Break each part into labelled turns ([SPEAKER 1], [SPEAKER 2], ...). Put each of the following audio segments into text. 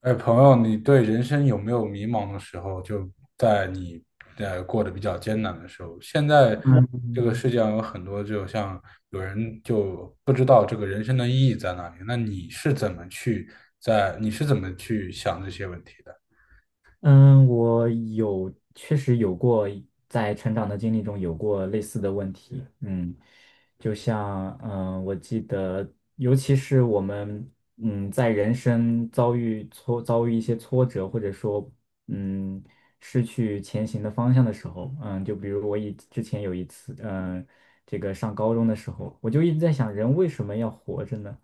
[SPEAKER 1] 哎，朋友，你对人生有没有迷茫的时候？就在你过得比较艰难的时候，现在这个
[SPEAKER 2] 嗯
[SPEAKER 1] 世界上有很多，就像有人就不知道这个人生的意义在哪里。那你是怎么去你是怎么去想这些问题的？
[SPEAKER 2] 嗯，确实有过在成长的经历中有过类似的问题，就像我记得，尤其是我们在人生遭遇一些挫折，或者说嗯失去前行的方向的时候，就比如我之前有一次，这个上高中的时候，我就一直在想，人为什么要活着呢？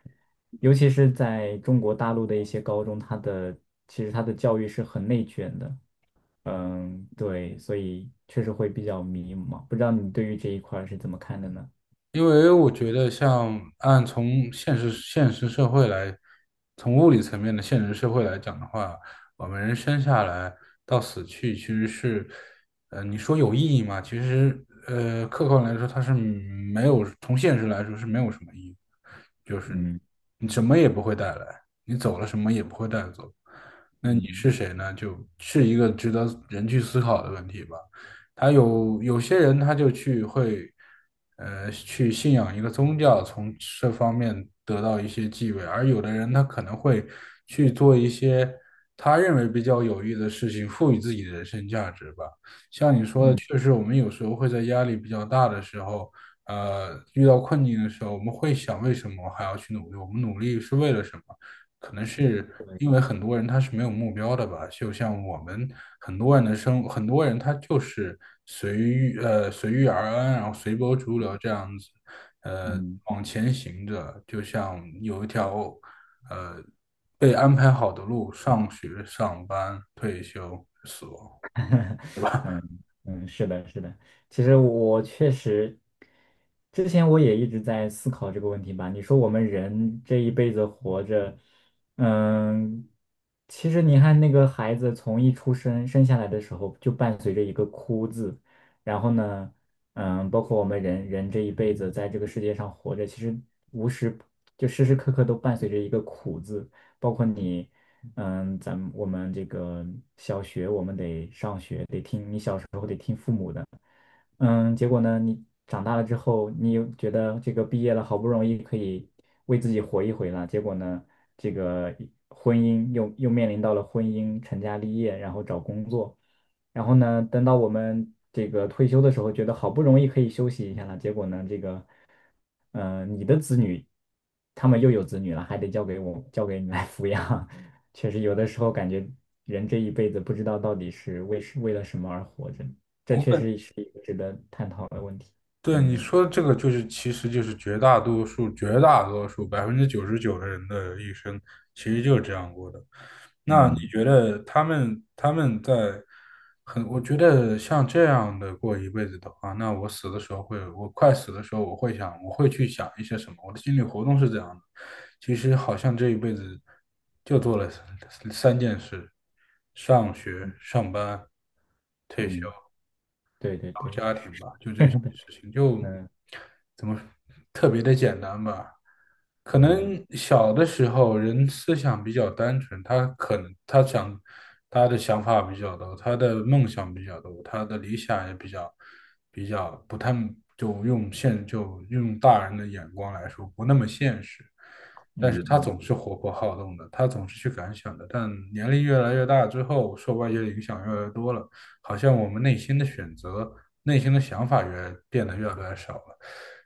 [SPEAKER 2] 尤其是在中国大陆的一些高中，其实它的教育是很内卷的。对，所以确实会比较迷茫。不知道你对于这一块儿是怎么看的呢？
[SPEAKER 1] 因为我觉得，像按从现实社会来，从物理层面的现实社会来讲的话，我们人生下来到死去，其实是，你说有意义吗？其实，客观来说，它是没有，从现实来说是没有什么意义，就是
[SPEAKER 2] 嗯
[SPEAKER 1] 你什么也不会带来，你走了什么也不会带走，那你
[SPEAKER 2] 嗯，
[SPEAKER 1] 是谁呢？就是一个值得人去思考的问题吧。有些人他就去会，去信仰一个宗教，从这方面得到一些地位，而有的人他可能会去做一些他认为比较有益的事情，赋予自己的人生价值吧。
[SPEAKER 2] 嗯，
[SPEAKER 1] 就是我们有时候会在压力比较大的时候，遇到困境的时候，我们会想为什么我还要去努力？我们努力是为了什么？可能是
[SPEAKER 2] 对，
[SPEAKER 1] 因为很多人他是没有目标的吧，就像我们很多人他就是随遇而安，然后随波逐流这样子，
[SPEAKER 2] 嗯。
[SPEAKER 1] 往前行着，就像有一条呃被安排好的路，上学、上班、退休、死亡。对吧？
[SPEAKER 2] 嗯嗯，是的，是的。其实我确实，之前我也一直在思考这个问题吧。你说我们人这一辈子活着，嗯，其实你看那个孩子从一出生生下来的时候，就伴随着一个哭字。然后呢，包括我们人人这一辈子在这个世界上活着，其实无时就时时刻刻都伴随着一个苦字，包括你。我们这个小学我们得上学，得听你小时候。嗯，结果呢，你长大了之后，你又觉得这个毕业了，好不容易可以为自己活一回了。结果呢，这个婚姻又面临到了婚姻、成家立业，然后找工作。然后呢，等到我们这个退休的时候，觉得好不容易可以休息一下了。结果呢，这个你的子女，他们又有子女了，还得交给我，交给你来抚养。确实，有的时候感觉人这一辈子不知道到底是为了什么而活着。这
[SPEAKER 1] 我
[SPEAKER 2] 确
[SPEAKER 1] 们。
[SPEAKER 2] 实是一个值得探讨的问题。
[SPEAKER 1] 对你
[SPEAKER 2] 嗯
[SPEAKER 1] 说的这个，就是其实就是绝大多数99%的人的一生，其实就是这样过的。那你
[SPEAKER 2] 嗯
[SPEAKER 1] 觉得他们在我觉得像这样的过一辈子的话，那我死的时候会，我快死的时候，我会去想一些什么？我的心理活动是这样的。其实好像这一辈子就做了三件事：上学、上班、退休。
[SPEAKER 2] 嗯，对对
[SPEAKER 1] 搞
[SPEAKER 2] 对，
[SPEAKER 1] 家 庭
[SPEAKER 2] 是
[SPEAKER 1] 吧，就这些事情，就
[SPEAKER 2] 的。
[SPEAKER 1] 怎么特别的简单吧。可
[SPEAKER 2] 嗯
[SPEAKER 1] 能小的时候人思想比较单纯，他可能他想他的想法比较多，他的梦想比较多，他的理想也比较不太就用大人的眼光来说不那么现实，
[SPEAKER 2] 嗯
[SPEAKER 1] 但是他
[SPEAKER 2] 嗯嗯
[SPEAKER 1] 总是活泼好动的，他总是去感想的。但年龄越来越大之后，受外界的影响越来越多了，好像我们内心的选择。内心的想法越变得越来越少了，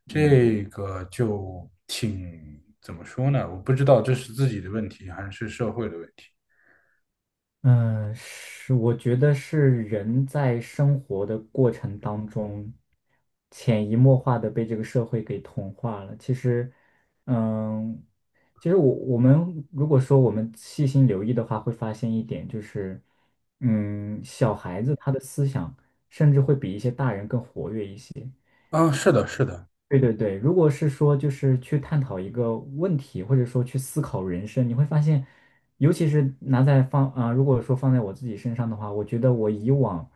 [SPEAKER 2] 嗯。
[SPEAKER 1] 这个就挺怎么说呢？我不知道这是自己的问题还是社会的问题。
[SPEAKER 2] 嗯，是，我觉得是人在生活的过程当中，潜移默化的被这个社会给同化了。其实，嗯，其实我们如果说我们细心留意的话，会发现一点就是，小孩子他的思想甚至会比一些大人更活跃一些。
[SPEAKER 1] 啊，是的，是的，
[SPEAKER 2] 对对对。如果是说就是去探讨一个问题，或者说去思考人生，你会发现，尤其是拿在放啊、呃如果说放在我自己身上的话，我觉得我以往，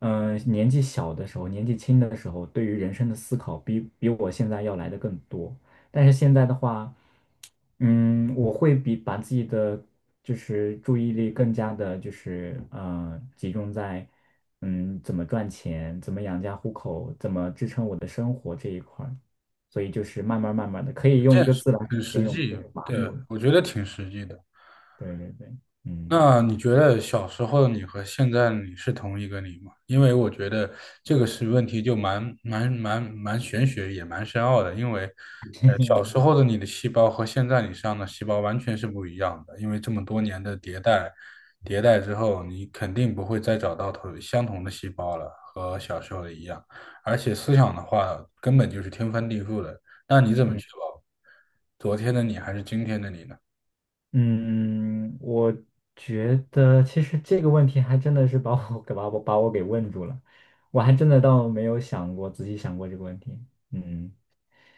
[SPEAKER 2] 年纪小的时候，年纪轻的时候，对于人生的思考比我现在要来的更多。但是现在的话，我会把自己的就是注意力更加的，就是集中在怎么赚钱、怎么养家糊口、怎么支撑我的生活这一块儿，所以就是慢慢慢慢的，可以用
[SPEAKER 1] 这
[SPEAKER 2] 一
[SPEAKER 1] 也
[SPEAKER 2] 个
[SPEAKER 1] 是
[SPEAKER 2] 字来
[SPEAKER 1] 很实
[SPEAKER 2] 形容，
[SPEAKER 1] 际。
[SPEAKER 2] 就是麻木
[SPEAKER 1] 对，
[SPEAKER 2] 了。
[SPEAKER 1] 我觉得挺实际的。
[SPEAKER 2] 对对对。嗯
[SPEAKER 1] 那你觉得小时候的你和现在的你是同一个你吗？因为我觉得这个是问题，就蛮玄学，也蛮深奥的。因为，小时候的你的细胞和现在你身上的细胞完全是不一样的。因为这么多年的迭代，迭代之后，你肯定不会再找到同相同的细胞了，和小时候的一样。而且思想的话，根本就是天翻地覆的。那你怎么
[SPEAKER 2] 嗯
[SPEAKER 1] 确保昨天的你还是今天的你呢？
[SPEAKER 2] 嗯。我觉得其实这个问题还真的是把我给问住了，我还真的倒没有想过仔细想过这个问题。嗯。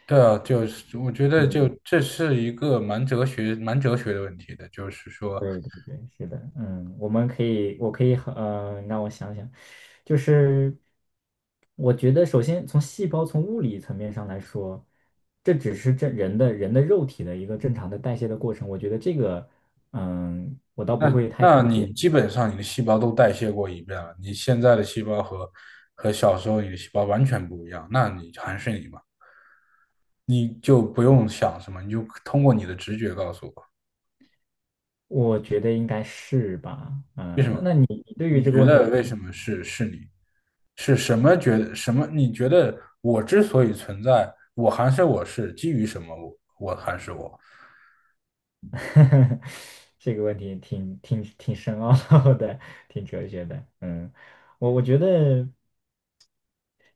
[SPEAKER 1] 对啊，就是我觉得
[SPEAKER 2] 嗯，
[SPEAKER 1] 就这是一个蛮哲学的问题的，就是说，
[SPEAKER 2] 对对对，是的，嗯，我们可以，我可以很，让我想想，就是我觉得，首先从细胞从物理层面上来说，这只是这人的肉体的一个正常的代谢的过程。我觉得这个，我倒不会太
[SPEAKER 1] 那
[SPEAKER 2] 纠结，
[SPEAKER 1] 你基本上你的细胞都代谢过一遍了，你现在的细胞和小时候你的细胞完全不一样，那你还是你嘛，你就不用想什么，你就通过你的直觉告诉我
[SPEAKER 2] 我觉得应该是吧。
[SPEAKER 1] 为什
[SPEAKER 2] 那
[SPEAKER 1] 么，
[SPEAKER 2] 那你对于
[SPEAKER 1] 你
[SPEAKER 2] 这个
[SPEAKER 1] 觉
[SPEAKER 2] 问题
[SPEAKER 1] 得
[SPEAKER 2] 是
[SPEAKER 1] 为
[SPEAKER 2] 怎么？
[SPEAKER 1] 什么是你，是什么觉得什么？你觉得我之所以存在，我还是我是基于什么我还是我？
[SPEAKER 2] 这个问题挺深奥的，挺哲学的，嗯。我觉得，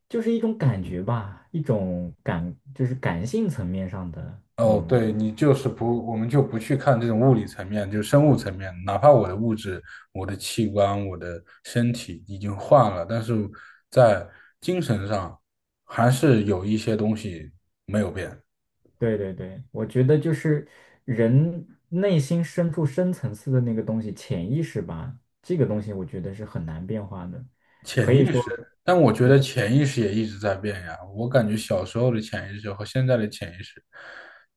[SPEAKER 2] 就是一种感觉吧，一种感，就是感性层面上的。
[SPEAKER 1] 哦，
[SPEAKER 2] 嗯。
[SPEAKER 1] 对，你就是不，我们就不去看这种物理层面，就生物层面，哪怕我的物质、我的器官、我的身体已经换了，但是在精神上还是有一些东西没有变，
[SPEAKER 2] 对对对，我觉得就是人内心深处深层次的那个东西，潜意识吧，这个东西我觉得是很难变化的，
[SPEAKER 1] 潜
[SPEAKER 2] 可以
[SPEAKER 1] 意
[SPEAKER 2] 说。
[SPEAKER 1] 识。但我觉得潜意识也一直在变呀，我感觉小时候的潜意识和现在的潜意识，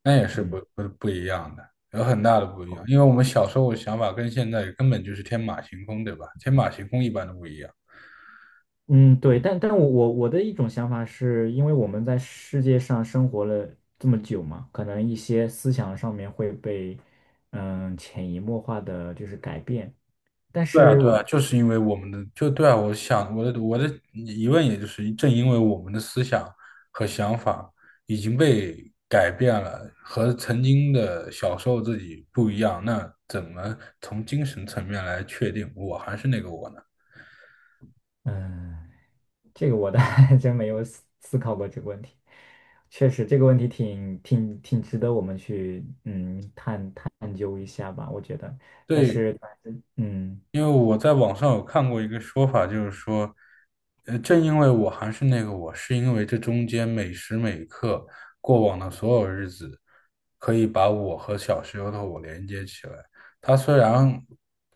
[SPEAKER 1] 那也是
[SPEAKER 2] 嗯
[SPEAKER 1] 不一样的，有很大的不一样，因为我们小时候的想法跟现在根本就是天马行空，对吧？天马行空一般的不一样。
[SPEAKER 2] 嗯，对，但我的一种想法是，因为我们在世界上生活了这么久嘛，可能一些思想上面会被潜移默化的就是改变，但
[SPEAKER 1] 对啊，
[SPEAKER 2] 是
[SPEAKER 1] 对
[SPEAKER 2] 我
[SPEAKER 1] 啊，就是因为我们的，就对啊，我想我的疑问，也就是正因为我们的思想和想法已经被改变了，和曾经的小时候自己不一样，那怎么从精神层面来确定我还是那个我呢？
[SPEAKER 2] 嗯。这个我倒 还真没有思考过这个问题，确实这个问题挺值得我们去探究一下吧，我觉得。但
[SPEAKER 1] 对，
[SPEAKER 2] 是，嗯
[SPEAKER 1] 因为我在网上有看过一个说法，就是说，正因为我还是那个我，是因为这中间每时每刻过往的所有日子，可以把我和小时候的我连接起来。它虽然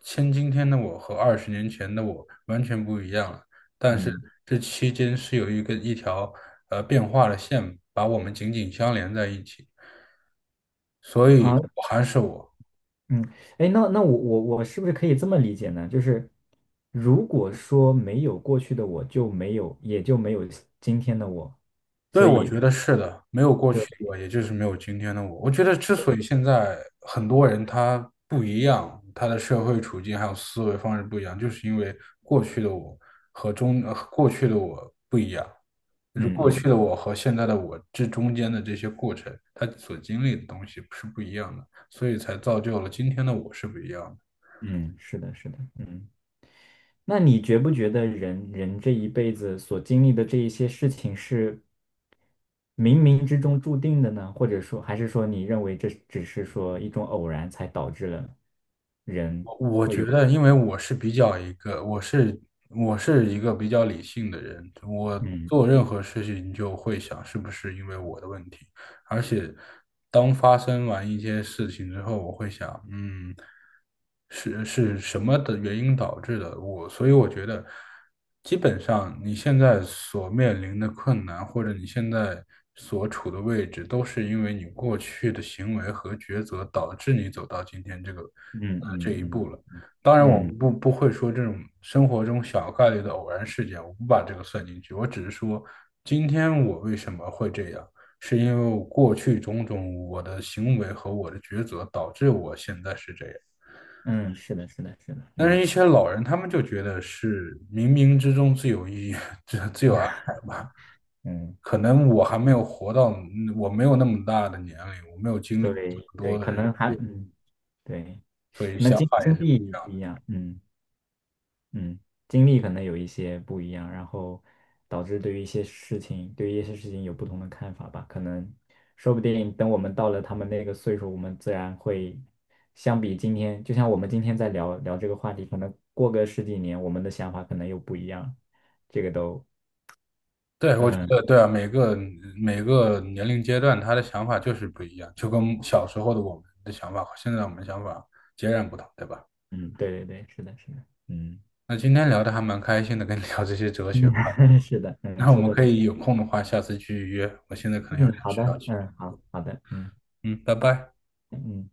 [SPEAKER 1] 今天的我和20年前的我完全不一样了，但是
[SPEAKER 2] 嗯
[SPEAKER 1] 这期间是有一条变化的线，把我们紧紧相连在一起。所以
[SPEAKER 2] 啊
[SPEAKER 1] 我还是我，
[SPEAKER 2] 嗯，哎，那我是不是可以这么理解呢？就是如果说没有过去的我，就没有今天的我，
[SPEAKER 1] 对，
[SPEAKER 2] 所
[SPEAKER 1] 我觉
[SPEAKER 2] 以
[SPEAKER 1] 得是的，没有过
[SPEAKER 2] 对。
[SPEAKER 1] 去的我，也就是没有今天的我。我觉得之所以现在很多人他不一样，他的社会处境还有思维方式不一样，就是因为过去的我过去的我不一样，就是过
[SPEAKER 2] 嗯
[SPEAKER 1] 去
[SPEAKER 2] 嗯
[SPEAKER 1] 的我和现在的我这中间的这些过程，他所经历的东西是不一样的，所以才造就了今天的我是不一样的。
[SPEAKER 2] 嗯，是的，是的，嗯。那你觉不觉得人人这一辈子所经历的这一些事情是冥冥之中注定的呢？或者说，还是说你认为这只是说一种偶然才导致了人
[SPEAKER 1] 我
[SPEAKER 2] 会
[SPEAKER 1] 觉
[SPEAKER 2] 有
[SPEAKER 1] 得，因为我是我是一个比较理性的人，我
[SPEAKER 2] 嗯
[SPEAKER 1] 做任何事情就会想是不是因为我的问题。而且当发生完一些事情之后，我会想，嗯，是什么的原因导致的？我，所以我觉得，基本上你现在所面临的困难，或者你现在所处的位置，都是因为你过去的行为和抉择导致你走到今天这个
[SPEAKER 2] 嗯
[SPEAKER 1] 这
[SPEAKER 2] 嗯
[SPEAKER 1] 一步
[SPEAKER 2] 嗯
[SPEAKER 1] 了。当然，我
[SPEAKER 2] 嗯
[SPEAKER 1] 不不会说这种生活中小概率的偶然事件，我不把这个算进去。我只是说，今天我为什么会这样？是因为我过去种种我的行为和我的抉择导致我现在是这样。
[SPEAKER 2] 嗯，是的，是的，是的，
[SPEAKER 1] 但是，
[SPEAKER 2] 嗯。
[SPEAKER 1] 一些老人他们就觉得是冥冥之中自有意义，自有安排。
[SPEAKER 2] 嗯，
[SPEAKER 1] 可能我还没有活到，嗯我没有那么大的年龄，我没有经历过这么
[SPEAKER 2] 对
[SPEAKER 1] 多
[SPEAKER 2] 对，
[SPEAKER 1] 的
[SPEAKER 2] 可
[SPEAKER 1] 人，
[SPEAKER 2] 能还嗯对，
[SPEAKER 1] 所以
[SPEAKER 2] 那
[SPEAKER 1] 想
[SPEAKER 2] 经
[SPEAKER 1] 法也
[SPEAKER 2] 经
[SPEAKER 1] 是。
[SPEAKER 2] 历不一样。嗯。嗯，经历可能有一些不一样，然后导致对于一些事情有不同的看法吧。可能说不定等我们到了他们那个岁数，我们自然会相比今天，就像我们今天在聊聊这个话题，可能过个十几年，我们的想法可能又不一样。这个都，
[SPEAKER 1] 对，我觉
[SPEAKER 2] 嗯
[SPEAKER 1] 得对啊，每个年龄阶段，他的想法就是不一样，就跟小时候的我们的想法和现在我们的想法截然不同，对吧？
[SPEAKER 2] 嗯，对对对，是的，是的，嗯，
[SPEAKER 1] 那今天聊的还蛮开心的，跟你聊这些哲学。
[SPEAKER 2] 是的，嗯，
[SPEAKER 1] 那我
[SPEAKER 2] 收
[SPEAKER 1] 们
[SPEAKER 2] 获
[SPEAKER 1] 可
[SPEAKER 2] 挺，
[SPEAKER 1] 以有空的话，下次去约。我现在可能有
[SPEAKER 2] 嗯，
[SPEAKER 1] 点
[SPEAKER 2] 好
[SPEAKER 1] 事要
[SPEAKER 2] 的，
[SPEAKER 1] 去。
[SPEAKER 2] 嗯，好，好的，嗯
[SPEAKER 1] 嗯，拜拜。
[SPEAKER 2] 嗯。